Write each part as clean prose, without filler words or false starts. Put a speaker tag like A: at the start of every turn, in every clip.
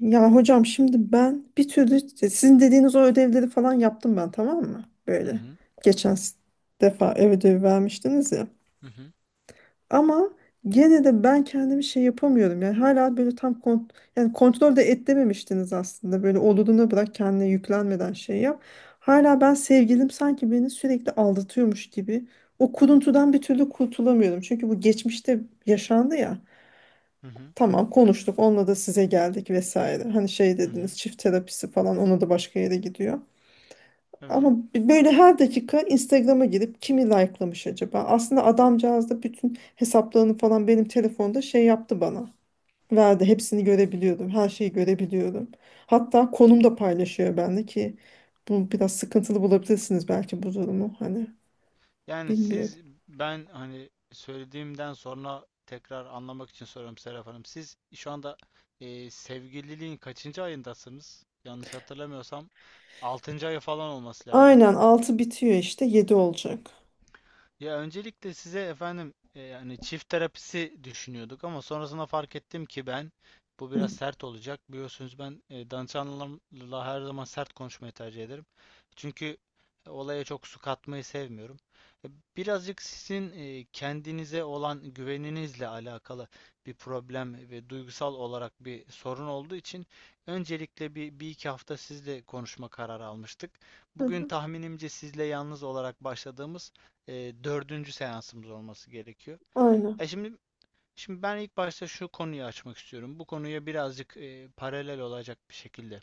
A: Ya hocam, şimdi ben bir türlü sizin dediğiniz o ödevleri falan yaptım ben, tamam mı?
B: Hı
A: Böyle
B: hı,
A: geçen defa ev ödevi vermiştiniz ya.
B: hı hı,
A: Ama gene de ben kendimi şey yapamıyorum. Yani hala böyle tam yani kontrol de etmemiştiniz aslında. Böyle olduğunu bırak, kendine yüklenmeden şey yap. Hala ben, sevgilim sanki beni sürekli aldatıyormuş gibi. O kuruntudan bir türlü kurtulamıyorum. Çünkü bu geçmişte yaşandı ya.
B: hı hı,
A: Tamam, konuştuk onunla da, size geldik vesaire. Hani şey
B: hı hı.
A: dediniz, çift terapisi falan, ona da başka yere gidiyor.
B: Evet.
A: Ama böyle her dakika Instagram'a girip kimi likelamış acaba? Aslında adamcağız da bütün hesaplarını falan benim telefonda şey yaptı bana. Verdi hepsini, görebiliyordum, her şeyi görebiliyordum. Hatta konum da paylaşıyor, bende ki bu biraz sıkıntılı bulabilirsiniz belki bu durumu, hani
B: Yani
A: bilmiyorum.
B: siz ben hani söylediğimden sonra tekrar anlamak için soruyorum Serap Hanım. Siz şu anda sevgililiğin kaçıncı ayındasınız? Yanlış hatırlamıyorsam 6. ayı falan olması lazım.
A: Aynen, 6 bitiyor, işte 7 olacak.
B: Ya öncelikle size efendim yani çift terapisi düşünüyorduk ama sonrasında fark ettim ki ben bu
A: Hı.
B: biraz sert olacak. Biliyorsunuz ben danışanlarımla her zaman sert konuşmayı tercih ederim. Çünkü olaya çok su katmayı sevmiyorum. E, Birazcık sizin kendinize olan güveninizle alakalı bir problem ve duygusal olarak bir sorun olduğu için öncelikle bir iki hafta sizle konuşma kararı almıştık.
A: Hı
B: Bugün
A: hı.
B: tahminimce sizle yalnız olarak başladığımız dördüncü seansımız olması gerekiyor.
A: Aynen.
B: E şimdi şimdi ben ilk başta şu konuyu açmak istiyorum. Bu konuya birazcık paralel olacak bir şekilde.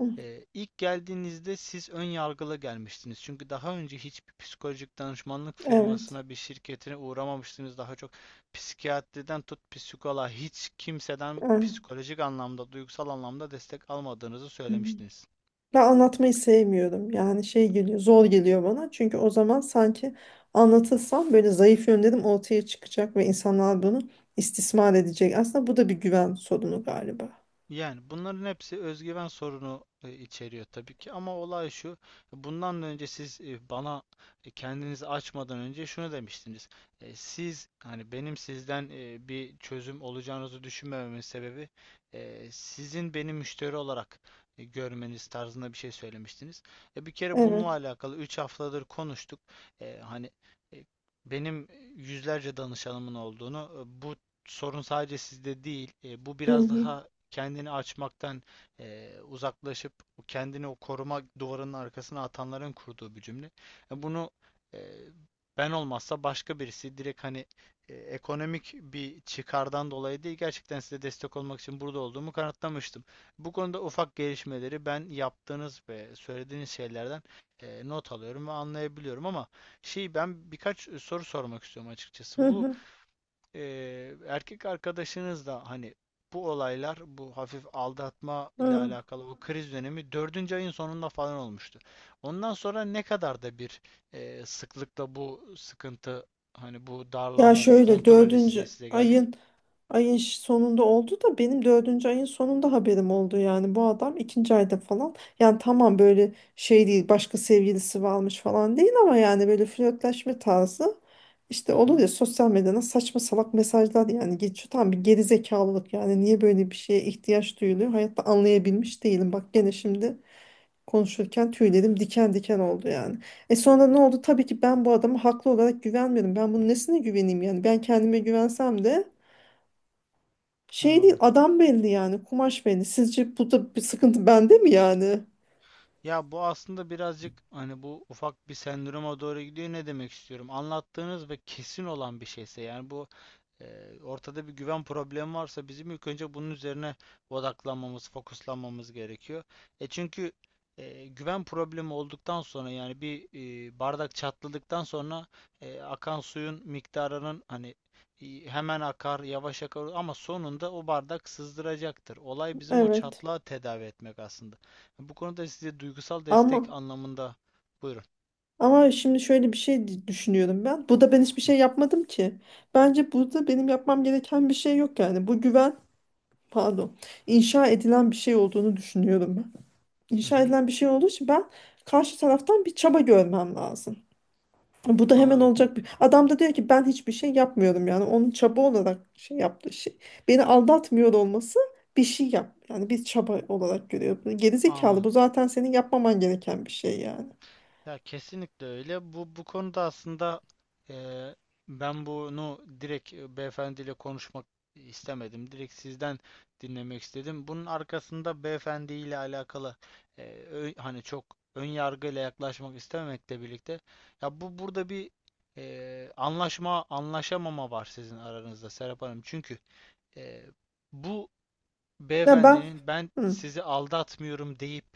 A: Hı.
B: İlk geldiğinizde siz ön yargılı gelmiştiniz. Çünkü daha önce hiçbir psikolojik danışmanlık
A: Evet.
B: firmasına, bir şirketine uğramamıştınız. Daha çok psikiyatriden tut psikoloğa hiç kimseden
A: Evet.
B: psikolojik anlamda, duygusal anlamda destek almadığınızı
A: Hı hı.
B: söylemiştiniz.
A: Ben anlatmayı sevmiyorum. Yani şey geliyor, zor geliyor bana. Çünkü o zaman sanki anlatırsam böyle zayıf yönlerim ortaya çıkacak ve insanlar bunu istismar edecek. Aslında bu da bir güven sorunu galiba.
B: Yani bunların hepsi özgüven sorunu içeriyor tabii ki ama olay şu. Bundan önce siz bana kendinizi açmadan önce şunu demiştiniz. Siz hani benim sizden bir çözüm olacağınızı düşünmememin sebebi sizin beni müşteri olarak görmeniz tarzında bir şey söylemiştiniz. Bir kere
A: Evet.
B: bununla alakalı 3 haftadır konuştuk. E, Hani e, benim yüzlerce danışanımın olduğunu, bu sorun sadece sizde değil. Bu
A: Hı
B: biraz
A: hı,
B: daha kendini açmaktan uzaklaşıp kendini o koruma duvarının arkasına atanların kurduğu bir cümle. Bunu, eee, ben olmazsa başka birisi direkt hani ekonomik bir çıkardan dolayı değil gerçekten size destek olmak için burada olduğumu kanıtlamıştım. Bu konuda ufak gelişmeleri ben yaptığınız ve söylediğiniz şeylerden not alıyorum ve anlayabiliyorum ama ben birkaç soru sormak istiyorum
A: hı
B: açıkçası. Bu
A: hı,
B: Erkek arkadaşınız da hani bu olaylar, bu hafif aldatma ile
A: hı.
B: alakalı bu kriz dönemi dördüncü ayın sonunda falan olmuştu. Ondan sonra ne kadar da bir, sıklıkla bu sıkıntı, hani bu
A: Ya
B: darlanma, bu
A: şöyle,
B: kontrol isteği
A: dördüncü
B: size geldi?
A: ayın sonunda oldu da benim dördüncü ayın sonunda haberim oldu. Yani bu adam ikinci ayda falan, yani tamam böyle şey değil, başka sevgilisi varmış falan değil, ama yani böyle flörtleşme tarzı, işte
B: Hı
A: olur
B: hı,
A: ya, sosyal medyada saçma salak mesajlar. Yani geçiyor, tam bir gerizekalılık. Yani niye böyle bir şeye ihtiyaç duyuluyor hayatta, anlayabilmiş değilim. Bak gene şimdi konuşurken tüylerim diken diken oldu yani. E, sonra ne oldu? Tabii ki ben bu adama haklı olarak güvenmiyorum. Ben bunun nesine güveneyim yani? Ben kendime güvensem de şey değil,
B: anladım.
A: adam belli yani, kumaş belli. Sizce burada bir sıkıntı bende mi yani?
B: Ya bu aslında birazcık hani bu ufak bir sendroma doğru gidiyor. Ne demek istiyorum? Anlattığınız ve kesin olan bir şeyse, yani bu ortada bir güven problemi varsa bizim ilk önce bunun üzerine odaklanmamız, fokuslanmamız gerekiyor. E çünkü güven problemi olduktan sonra, yani bir, bardak çatladıktan sonra akan suyun miktarının hani hemen akar, yavaş akar ama sonunda o bardak sızdıracaktır. Olay bizim o
A: Evet.
B: çatlağı tedavi etmek aslında. Bu konuda size duygusal destek
A: Ama
B: anlamında buyurun.
A: ama şimdi şöyle bir şey düşünüyorum ben. Burada ben hiçbir şey yapmadım ki. Bence burada benim yapmam gereken bir şey yok yani. Bu güven, pardon, inşa edilen bir şey olduğunu düşünüyorum ben.
B: Hı
A: İnşa
B: hı.
A: edilen bir şey olduğu için ben karşı taraftan bir çaba görmem lazım. Bu da hemen
B: Anladım.
A: olacak bir. Adam da diyor ki, ben hiçbir şey yapmıyorum yani. Onun çaba olarak şey yaptığı şey. Beni aldatmıyor olması bir şey yap. Yani bir çaba olarak görüyor. Bu gerizekalı,
B: Anladım.
A: bu zaten senin yapmaman gereken bir şey yani.
B: Ya kesinlikle öyle. Bu bu konuda aslında eee, ben bunu direkt beyefendiyle konuşmak istemedim. Direkt sizden dinlemek istedim. Bunun arkasında beyefendiyle alakalı e, hani çok ön yargıyla yaklaşmak istememekle birlikte ya bu burada bir anlaşma anlaşamama var sizin aranızda Serap Hanım. Çünkü e, bu
A: Ya ben.
B: beyefendinin ben
A: Hı,
B: sizi aldatmıyorum deyip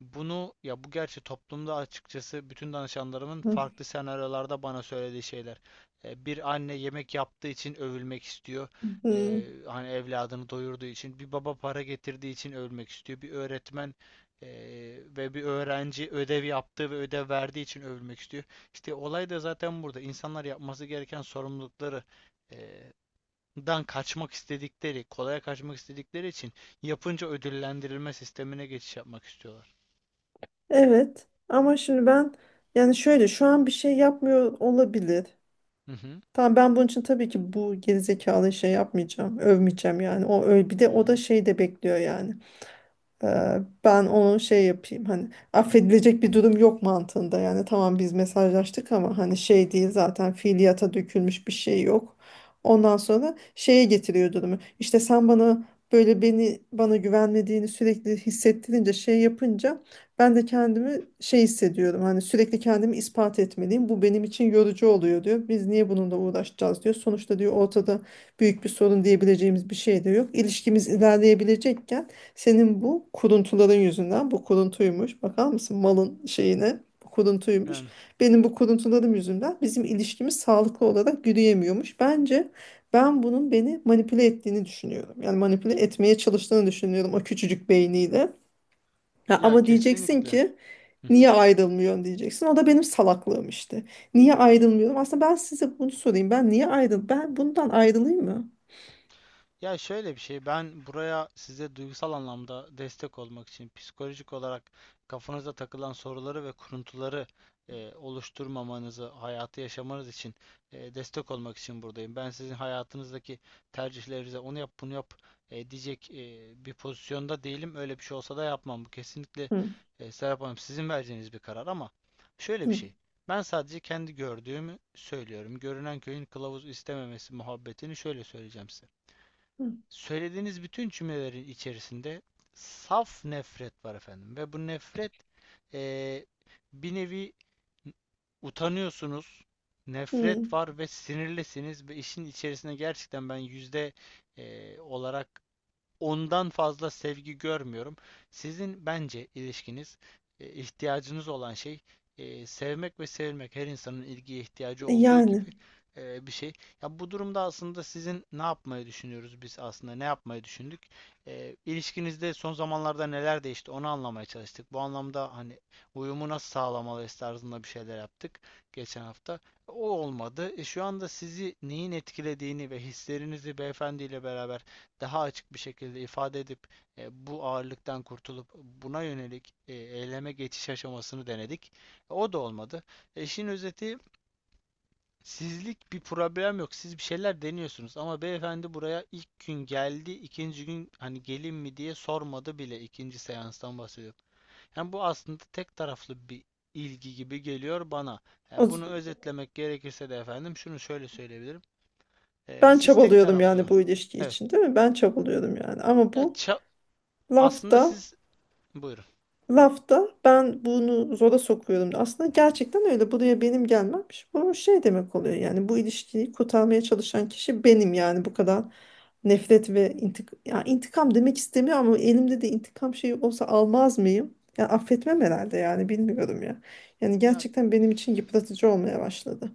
B: bunu, ya bu gerçi toplumda açıkçası bütün danışanlarımın
A: hı,
B: farklı senaryolarda bana söylediği şeyler. Bir anne yemek yaptığı için övülmek istiyor.
A: hı.
B: Hani evladını doyurduğu için. Bir baba para getirdiği için övülmek istiyor. Bir öğretmen e, ve bir öğrenci ödev yaptığı ve ödev verdiği için övülmek istiyor. İşte olay da zaten burada. İnsanlar yapması gereken sorumlulukları e, dan kaçmak istedikleri, kolaya kaçmak istedikleri için yapınca ödüllendirilme sistemine geçiş yapmak istiyorlar.
A: Evet ama şimdi ben, yani şöyle, şu an bir şey yapmıyor olabilir.
B: Hı hı.
A: Tamam, ben bunun için tabii ki bu gerizekalı şey yapmayacağım. Övmeyeceğim yani. O öyle, bir de
B: Hı
A: o da
B: hı.
A: şey de bekliyor yani. Ben onun şey yapayım, hani affedilecek bir durum yok mantığında yani. Tamam biz mesajlaştık ama hani şey değil, zaten fiiliyata dökülmüş bir şey yok. Ondan sonra şeye getiriyor durumu. İşte sen bana böyle beni, bana güvenmediğini sürekli hissettirince, şey yapınca, ben de kendimi şey hissediyorum. Hani sürekli kendimi ispat etmeliyim. Bu benim için yorucu oluyor diyor. Biz niye bununla uğraşacağız diyor. Sonuçta diyor ortada büyük bir sorun diyebileceğimiz bir şey de yok. İlişkimiz ilerleyebilecekken senin bu kuruntuların yüzünden, bu kuruntuymuş. Bakar mısın malın şeyine, bu kuruntuymuş.
B: Yani
A: Benim bu kuruntularım yüzünden bizim ilişkimiz sağlıklı olarak yürüyemiyormuş. Bence ben bunun beni manipüle ettiğini düşünüyorum. Yani manipüle etmeye çalıştığını düşünüyorum o küçücük beyniyle. Ha,
B: ya
A: ama diyeceksin
B: kesinlikle.
A: ki niye ayrılmıyorsun diyeceksin. O da benim salaklığım işte. Niye ayrılmıyorum? Aslında ben size bunu sorayım. Ben niye ayrıl? Ben bundan ayrılayım mı?
B: Ya şöyle bir şey, ben buraya size duygusal anlamda destek olmak için, psikolojik olarak kafanıza takılan soruları ve kuruntuları oluşturmamanızı, hayatı yaşamanız için destek olmak için buradayım. Ben sizin hayatınızdaki tercihlerinize onu yap, bunu yap diyecek bir pozisyonda değilim. Öyle bir şey olsa da yapmam. Bu kesinlikle
A: Hı,
B: Serap Hanım sizin vereceğiniz bir karar ama şöyle bir
A: hı,
B: şey. Ben sadece kendi gördüğümü söylüyorum. Görünen köyün kılavuz istememesi muhabbetini şöyle söyleyeceğim size.
A: hı,
B: Söylediğiniz bütün cümlelerin içerisinde saf nefret var efendim ve bu nefret, eee, bir nevi utanıyorsunuz,
A: hı.
B: nefret var ve sinirlisiniz ve işin içerisine gerçekten ben yüzde olarak ondan fazla sevgi görmüyorum. Sizin bence ilişkiniz, ihtiyacınız olan şey sevmek ve sevilmek. Her insanın ilgiye ihtiyacı
A: E,
B: olduğu gibi
A: yani.
B: bir şey. Ya bu durumda aslında sizin ne yapmayı düşünüyoruz, biz aslında ne yapmayı düşündük? İlişkinizde son zamanlarda neler değişti onu anlamaya çalıştık. Bu anlamda hani uyumu nasıl sağlamalıyız tarzında bir şeyler yaptık geçen hafta. O olmadı. Şu anda sizi neyin etkilediğini ve hislerinizi beyefendiyle beraber daha açık bir şekilde ifade edip bu ağırlıktan kurtulup buna yönelik eyleme geçiş aşamasını denedik. O da olmadı. İşin özeti sizlik bir problem yok. Siz bir şeyler deniyorsunuz ama beyefendi buraya ilk gün geldi, ikinci gün hani gelin mi diye sormadı bile, ikinci seanstan bahsediyorum. Yani bu aslında tek taraflı bir ilgi gibi geliyor bana.
A: O
B: Bunu özetlemek gerekirse de efendim şunu şöyle söyleyebilirim.
A: Ben
B: Siz tek
A: çabalıyordum
B: taraflı.
A: yani bu ilişki
B: Evet.
A: için, değil mi? Ben çabalıyordum yani. Ama
B: Ya
A: bu
B: ça- aslında
A: lafta
B: siz buyurun.
A: lafta ben bunu zora sokuyordum. Aslında gerçekten öyle. Buraya benim gelmem. Bu şey demek oluyor yani, bu ilişkiyi kurtarmaya çalışan kişi benim yani. Bu kadar nefret ve ya intikam demek istemiyor ama elimde de intikam şeyi olsa almaz mıyım? Ya affetmem herhalde yani, bilmiyorum ya. Yani
B: Ya
A: gerçekten benim için yıpratıcı olmaya başladı.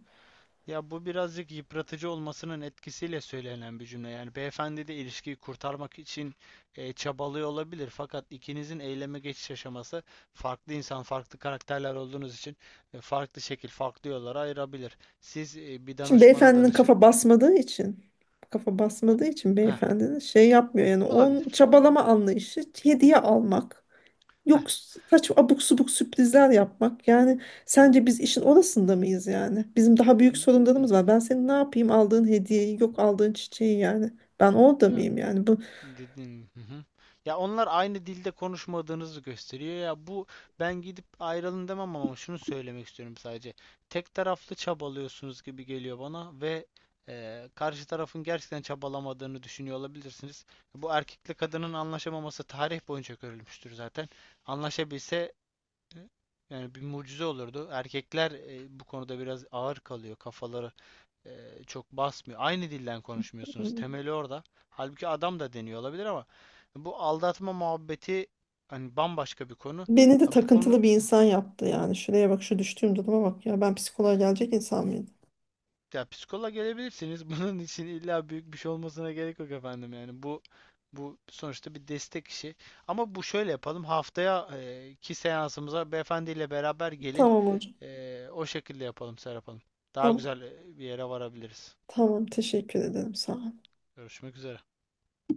B: ya bu birazcık yıpratıcı olmasının etkisiyle söylenen bir cümle. Yani beyefendi de ilişkiyi kurtarmak için çabalıyor olabilir. Fakat ikinizin eyleme geçiş aşaması farklı insan, farklı karakterler olduğunuz için farklı şekil, farklı yollara ayırabilir. Siz bir
A: Şimdi
B: danışmana
A: beyefendinin
B: danışıp.
A: kafa
B: Ya,
A: basmadığı için
B: heh,
A: beyefendinin şey yapmıyor yani. Onun
B: olabilir.
A: çabalama anlayışı hediye almak,
B: Heh.
A: yok kaç abuk subuk sürprizler yapmak. Yani sence biz işin orasında mıyız yani? Bizim daha büyük sorunlarımız var. Ben senin ne yapayım aldığın hediyeyi, yok aldığın çiçeği, yani ben orada
B: Ya
A: mıyım yani bu?
B: Dedin. Hı hı. Ya onlar aynı dilde konuşmadığınızı gösteriyor. Ya bu, ben gidip ayrılın demem ama şunu söylemek istiyorum sadece. Tek taraflı çabalıyorsunuz gibi geliyor bana ve karşı tarafın gerçekten çabalamadığını düşünüyor olabilirsiniz. Bu erkekle kadının anlaşamaması tarih boyunca görülmüştür zaten. Anlaşabilse e, yani bir mucize olurdu. Erkekler bu konuda biraz ağır kalıyor. Kafaları çok basmıyor. Aynı dilden konuşmuyorsunuz.
A: Hmm.
B: Temeli orada. Halbuki adam da deniyor olabilir ama bu aldatma muhabbeti hani bambaşka bir konu.
A: Beni de
B: Ha, bu konu
A: takıntılı bir insan yaptı yani. Şuraya bak, şu düştüğüm duruma bak ya. Ben psikoloğa gelecek insan mıydım?
B: ya psikoloğa gelebilirsiniz. Bunun için illa büyük bir şey olmasına gerek yok efendim. Yani bu sonuçta bir destek işi. Ama bu şöyle yapalım. Haftaya ki seansımıza beyefendiyle beraber gelin.
A: Tamam hocam.
B: O şekilde yapalım Serap Hanım. Daha
A: Tamam.
B: güzel bir yere varabiliriz.
A: Tamam, teşekkür ederim. Sağ ol.
B: Görüşmek üzere.